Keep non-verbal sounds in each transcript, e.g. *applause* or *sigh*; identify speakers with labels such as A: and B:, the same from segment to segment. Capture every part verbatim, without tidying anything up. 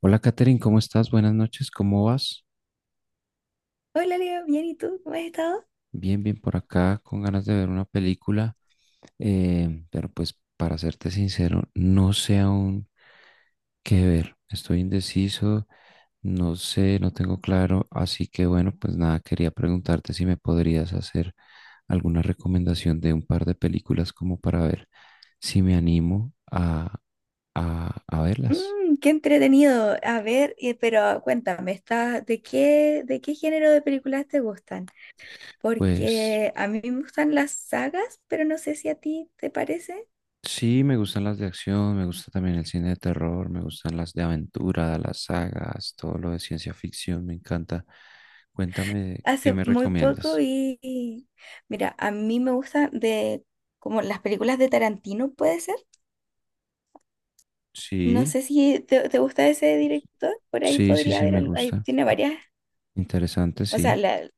A: Hola, Katherine, ¿cómo estás? Buenas noches, ¿cómo vas?
B: Hola Leo, bien, ¿y tú? ¿Cómo has estado?
A: Bien, bien por acá, con ganas de ver una película, eh, pero pues para serte sincero, no sé aún qué ver. Estoy indeciso, no sé, no tengo claro, así que bueno, pues nada, quería preguntarte si me podrías hacer alguna recomendación de un par de películas como para ver si me animo a, a, a verlas.
B: Mm, qué entretenido. A ver, eh, pero cuéntame, ¿estás- de qué, de qué género de películas te gustan?
A: Pues
B: Porque a mí me gustan las sagas, pero no sé si a ti te parece.
A: sí, me gustan las de acción, me gusta también el cine de terror, me gustan las de aventura, las sagas, todo lo de ciencia ficción, me encanta. Cuéntame, ¿qué
B: Hace
A: me
B: muy poco
A: recomiendas?
B: vi, y- mira, a mí me gustan de como las películas de Tarantino, ¿puede ser? No
A: Sí,
B: sé si te, te gusta ese director, por ahí
A: sí, sí,
B: podría
A: sí,
B: haber,
A: me
B: al- ahí
A: gusta.
B: tiene varias,
A: Interesante,
B: o sea,
A: sí.
B: la-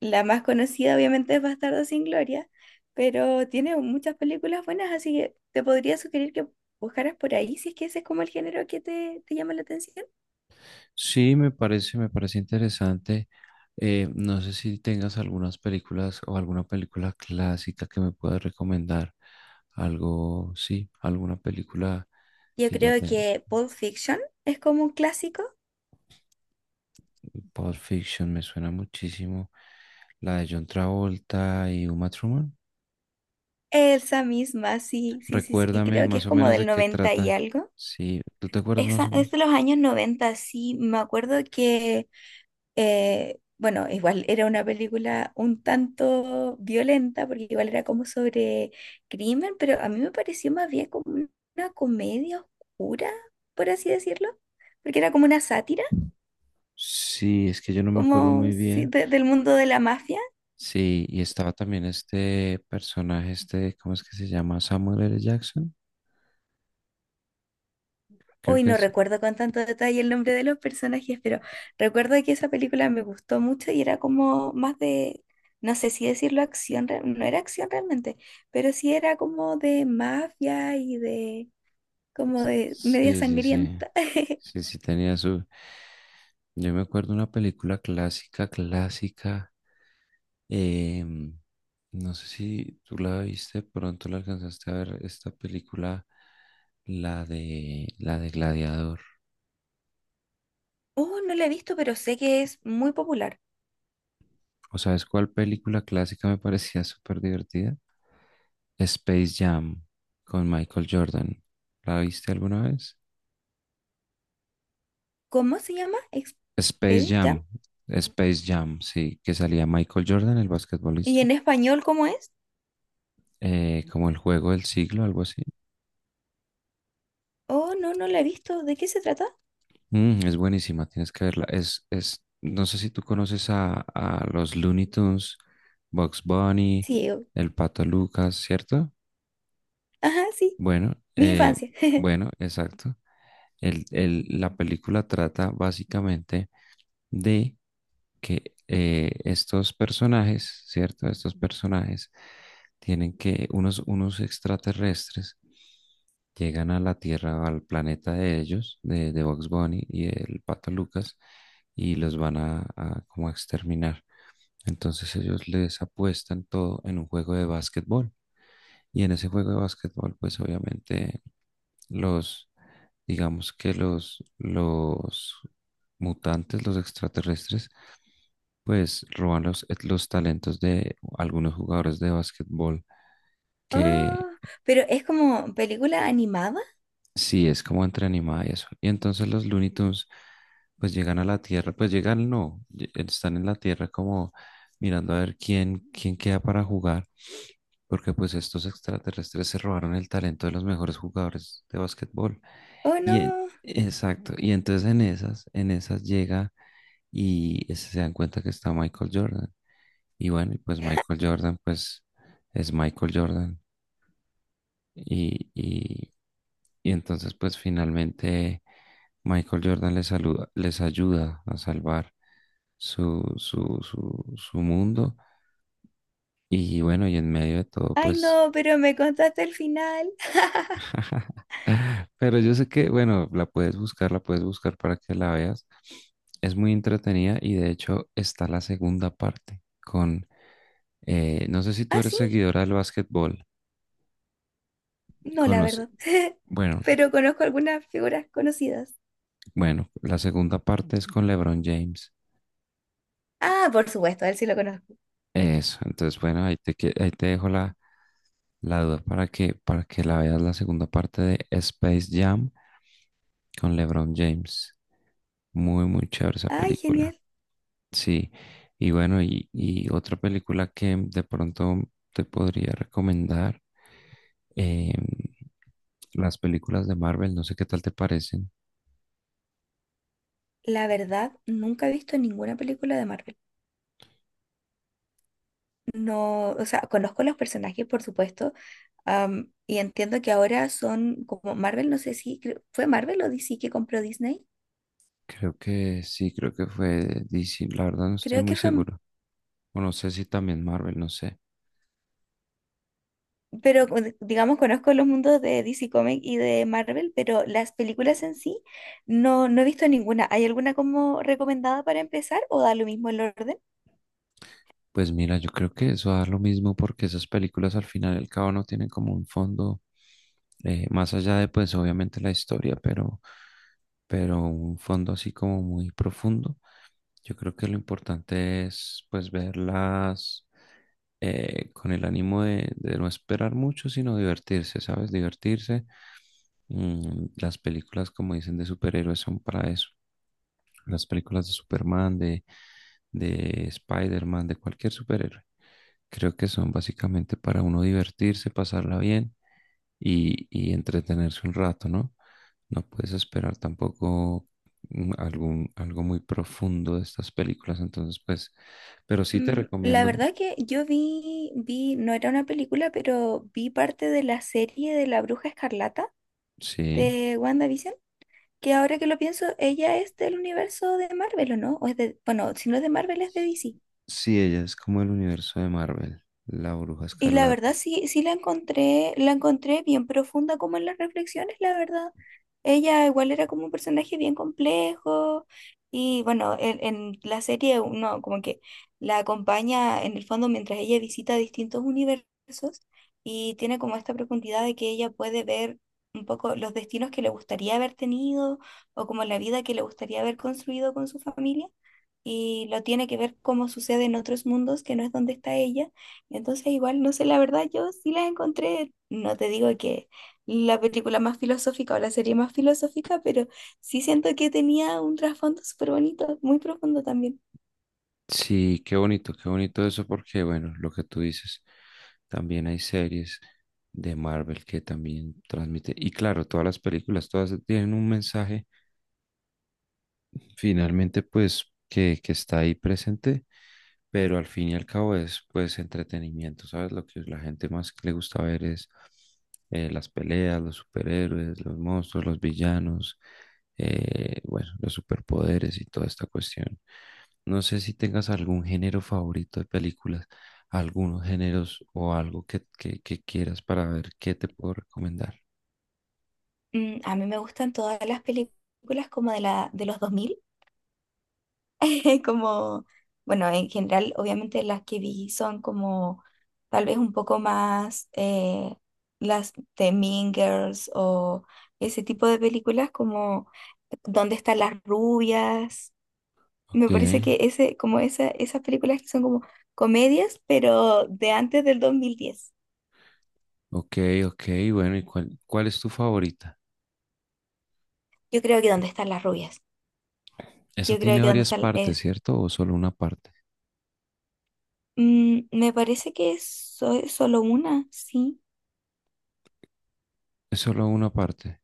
B: La más conocida obviamente es Bastardo sin Gloria, pero tiene muchas películas buenas, así que te podría sugerir que buscaras por ahí si es que ese es como el género que te, te llama la atención.
A: Sí, me parece, me parece interesante. Eh, no sé si tengas algunas películas o alguna película clásica que me puedas recomendar. Algo, sí, alguna película
B: Yo
A: que ya
B: creo
A: tenga.
B: que Pulp Fiction es como un clásico.
A: Pulp Fiction me suena muchísimo. La de John Travolta y Uma Thurman.
B: Esa misma, sí, sí, sí, sí,
A: Recuérdame
B: creo que
A: más
B: es
A: o
B: como
A: menos
B: del
A: de qué
B: noventa y
A: trata.
B: algo.
A: Sí, ¿tú te acuerdas más
B: Esa,
A: o
B: es
A: menos?
B: de los años noventa, sí, me acuerdo que. Eh, bueno, igual era una película un tanto violenta, porque igual era como sobre crimen, pero a mí me pareció más bien como una comedia oscura, por así decirlo, porque era como una sátira,
A: Sí, es que yo no me acuerdo
B: como
A: muy
B: sí,
A: bien.
B: de- del mundo de la mafia.
A: Sí, y estaba también este personaje, este, ¿cómo es que se llama? Samuel L. Jackson. Creo
B: Hoy
A: que
B: no
A: es.
B: recuerdo con tanto detalle el nombre de los personajes, pero recuerdo que esa película me gustó mucho y era como más de, no sé si decirlo acción, re- no era acción realmente, pero sí era como de mafia y de como de media
A: Sí, sí, sí.
B: sangrienta. *laughs*
A: Sí, sí, tenía su... Yo me acuerdo una película clásica, clásica. Em, no sé si tú la viste, pronto la alcanzaste a ver esta película, la de la de Gladiador.
B: Oh, no la he visto, pero sé que es muy popular.
A: ¿O sabes cuál película clásica me parecía súper divertida? Space Jam con Michael Jordan. ¿La viste alguna vez?
B: ¿Cómo se llama?
A: Space
B: Expedit Jam.
A: Jam, Space Jam, sí, que salía Michael Jordan, el
B: ¿Y
A: basquetbolista,
B: en español cómo es?
A: eh, como el juego del siglo, algo así.
B: Oh, no, no la he visto. ¿De qué se trata?
A: Mm, es buenísima, tienes que verla. Es, es, no sé si tú conoces a, a los Looney Tunes, Bugs Bunny,
B: Sí, oh,
A: el Pato Lucas, ¿cierto?
B: ajá, sí,
A: Bueno,
B: mi
A: eh,
B: infancia. *laughs*
A: bueno, exacto. El, el- la película trata básicamente de que eh, estos personajes, ¿cierto? Estos personajes tienen que, unos, unos extraterrestres llegan a la Tierra, al planeta de ellos, de, de Bugs Bunny y el Pato Lucas, y los van a, a como a exterminar. Entonces ellos les apuestan todo en un juego de básquetbol. Y en ese juego de básquetbol, pues obviamente los, digamos que los, los mutantes, los extraterrestres, pues roban los, eh, los talentos de algunos jugadores de básquetbol que
B: Oh, pero ¿es como película animada?
A: sí es como entre animada y eso. Y entonces los Looney Tunes pues llegan a la Tierra, pues llegan no, lle- eh, están en la Tierra como mirando a ver quién, quién queda para jugar, porque pues estos extraterrestres se robaron el talento de los mejores jugadores de básquetbol.
B: Oh,
A: Y en-
B: no.
A: exacto, y entonces en esas, en esas llega y se dan cuenta que está Michael Jordan. Y bueno, y pues Michael Jordan, pues es Michael Jordan. Y, y, y entonces, pues finalmente Michael Jordan les, saluda, les ayuda a salvar su, su, su, su mundo. Y bueno, y en medio de todo,
B: Ay,
A: pues...
B: no, pero me contaste el final. *laughs*
A: *laughs* Pero yo sé que, bueno, la puedes buscar, la puedes buscar para que la veas. Es muy entretenida y de hecho está la segunda parte con... eh, no sé si tú
B: Ah,
A: eres
B: sí,
A: seguidora del básquetbol.
B: no, la
A: Conoce.
B: verdad. *laughs*
A: Bueno,
B: Pero conozco algunas figuras conocidas.
A: bueno, la segunda parte es con LeBron James.
B: Ah, por supuesto, a él sí lo conozco.
A: Eso, entonces bueno, ahí te, que- ahí te dejo la, la duda para que, para que la veas la segunda parte de Space Jam con LeBron James. Muy, muy chévere esa
B: Ay,
A: película.
B: genial.
A: Sí, y bueno, y, y otra película que de pronto te podría recomendar, eh, las películas de Marvel, no sé qué tal te parecen.
B: La verdad, nunca he visto ninguna película de Marvel. No, o sea, conozco los personajes, por supuesto, am, y entiendo que ahora son como Marvel, no sé si creo- fue Marvel o D C que compró Disney.
A: Creo que sí, creo que fue D C, la verdad no estoy
B: Creo
A: muy
B: que fue, M-
A: seguro. O no sé si también Marvel, no sé.
B: pero con- digamos, conozco los mundos de D C Comics y de Marvel, pero las películas en sí no, no he visto ninguna. ¿Hay alguna como recomendada para empezar o da lo mismo el orden?
A: Pues mira, yo creo que eso da lo mismo porque esas películas al final y al cabo no tienen como un fondo, eh, más allá de pues obviamente la historia, pero, pero un fondo así como muy profundo. Yo creo que lo importante es pues verlas eh, con el ánimo de, de no esperar mucho, sino divertirse, ¿sabes? Divertirse. Mm, las películas, como dicen, de superhéroes son para eso. Las películas de Superman, de, de Spider-Man, de cualquier superhéroe. Creo que son básicamente para uno divertirse, pasarla bien y, y entretenerse un rato, ¿no? No puedes esperar tampoco mm, algún, algo muy profundo de estas películas, entonces pues, pero sí te
B: Mm, la
A: recomiendo,
B: verdad que yo vi, vi, no era una película, pero vi parte de la serie de La Bruja Escarlata,
A: sí,
B: de WandaVision, que ahora que lo pienso, ella es del universo de Marvel, ¿o no? O es de, bueno, si no es de Marvel, es de D C.
A: sí, ella es como el universo de Marvel, la Bruja
B: Y la verdad
A: Escarlata.
B: sí, sí la encontré, la encontré bien profunda como en las reflexiones, la verdad. Ella igual era como un personaje bien complejo y bueno, en, en la serie uno como que la acompaña en el fondo mientras ella visita distintos universos y tiene como esta profundidad de que ella puede ver un poco los destinos que le gustaría haber tenido o como la vida que le gustaría haber construido con su familia y lo tiene que ver cómo sucede en otros mundos que no es donde está ella. Entonces, igual, no sé, la verdad, yo sí las encontré, no te digo que la película más filosófica o la serie más filosófica, pero sí siento que tenía un trasfondo súper bonito, muy profundo también.
A: Sí, qué bonito, qué bonito eso porque, bueno, lo que tú dices. También hay series de Marvel que también transmite. Y claro, todas las películas, todas tienen un mensaje finalmente, pues, que, que está ahí presente, pero al fin y al cabo es, pues, entretenimiento, ¿sabes? Lo que la gente más que le gusta ver es eh, las peleas, los superhéroes, los monstruos, los villanos, eh, bueno, los superpoderes y toda esta cuestión. No sé si tengas algún género favorito de películas, algunos géneros o algo que, que, que quieras para ver qué te puedo recomendar.
B: Mm, a mí me gustan todas las películas como de la, de los dos mil, *laughs* como, bueno, en general, obviamente las que vi son como tal vez un poco más eh, las de Mean Girls o ese tipo de películas como ¿Dónde están las rubias? Me
A: Ok,
B: parece que ese, como esa, esas películas que son como comedias, pero de antes del dos mil diez.
A: ok, ok. Bueno, ¿y cuál, cuál es tu favorita?
B: Yo creo que ¿Dónde están las rubias?
A: Esa
B: Yo creo
A: tiene
B: que ¿Dónde
A: varias
B: están
A: partes,
B: es...
A: ¿cierto? ¿O solo una parte?
B: mm, Me parece que es so- solo una, sí.
A: Es solo una parte.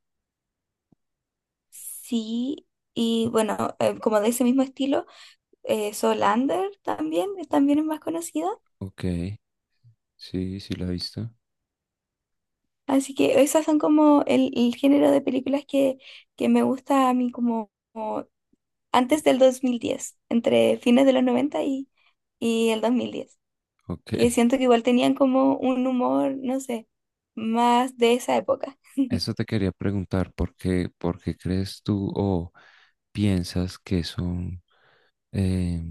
B: Sí, y bueno, eh, como de ese mismo estilo, eh, Solander también, eh, también es más conocida.
A: Ok, sí, sí la he visto.
B: Así que esas son como el, el género de películas que, que me gusta a mí como, como antes del dos mil diez, entre fines de los noventa y, y el dos mil diez,
A: Ok,
B: que siento que igual tenían como un humor, no sé, más de esa época.
A: eso te quería preguntar, ¿por qué, por qué crees tú o piensas que son? eh,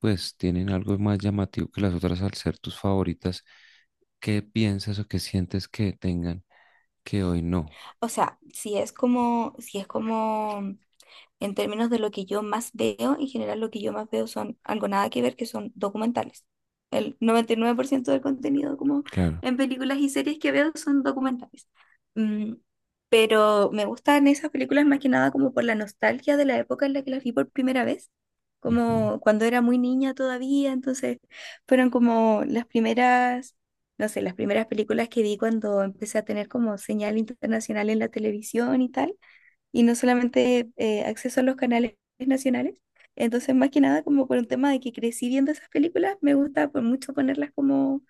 A: pues tienen algo más llamativo que las otras al ser tus favoritas. ¿Qué piensas o qué sientes que tengan que hoy no?
B: O sea, si es como, si es como. En términos de lo que yo más veo, en general lo que yo más veo son algo nada que ver, que son documentales. El noventa y nueve por ciento del contenido como
A: Claro,
B: en películas y series que veo son documentales. Mm, pero me gustan esas películas más que nada como por la nostalgia de la época en la que las vi por primera vez,
A: ujú,
B: como cuando era muy niña todavía, entonces fueron como las primeras, no sé, las primeras películas que vi cuando empecé a tener como señal internacional en la televisión y tal y no solamente eh, acceso a los canales nacionales. Entonces, más que nada, como por un tema de que crecí viendo esas películas, me gusta por mucho ponerlas como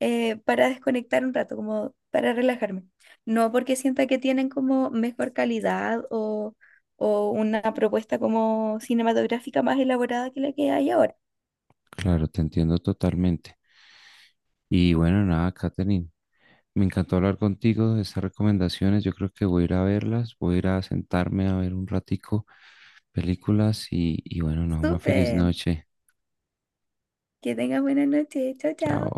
B: eh, para desconectar un rato, como para relajarme. No porque sienta que tienen como mejor calidad o, o una propuesta como cinematográfica más elaborada que la que hay ahora.
A: claro, te entiendo totalmente. Y bueno, nada, Katherine, me encantó hablar contigo de estas recomendaciones. Yo creo que voy a ir a verlas, voy a ir a sentarme a ver un ratico películas y, y bueno, nada, una feliz
B: Súper,
A: noche.
B: que tengas buena noche. Chao, chao.
A: Chao.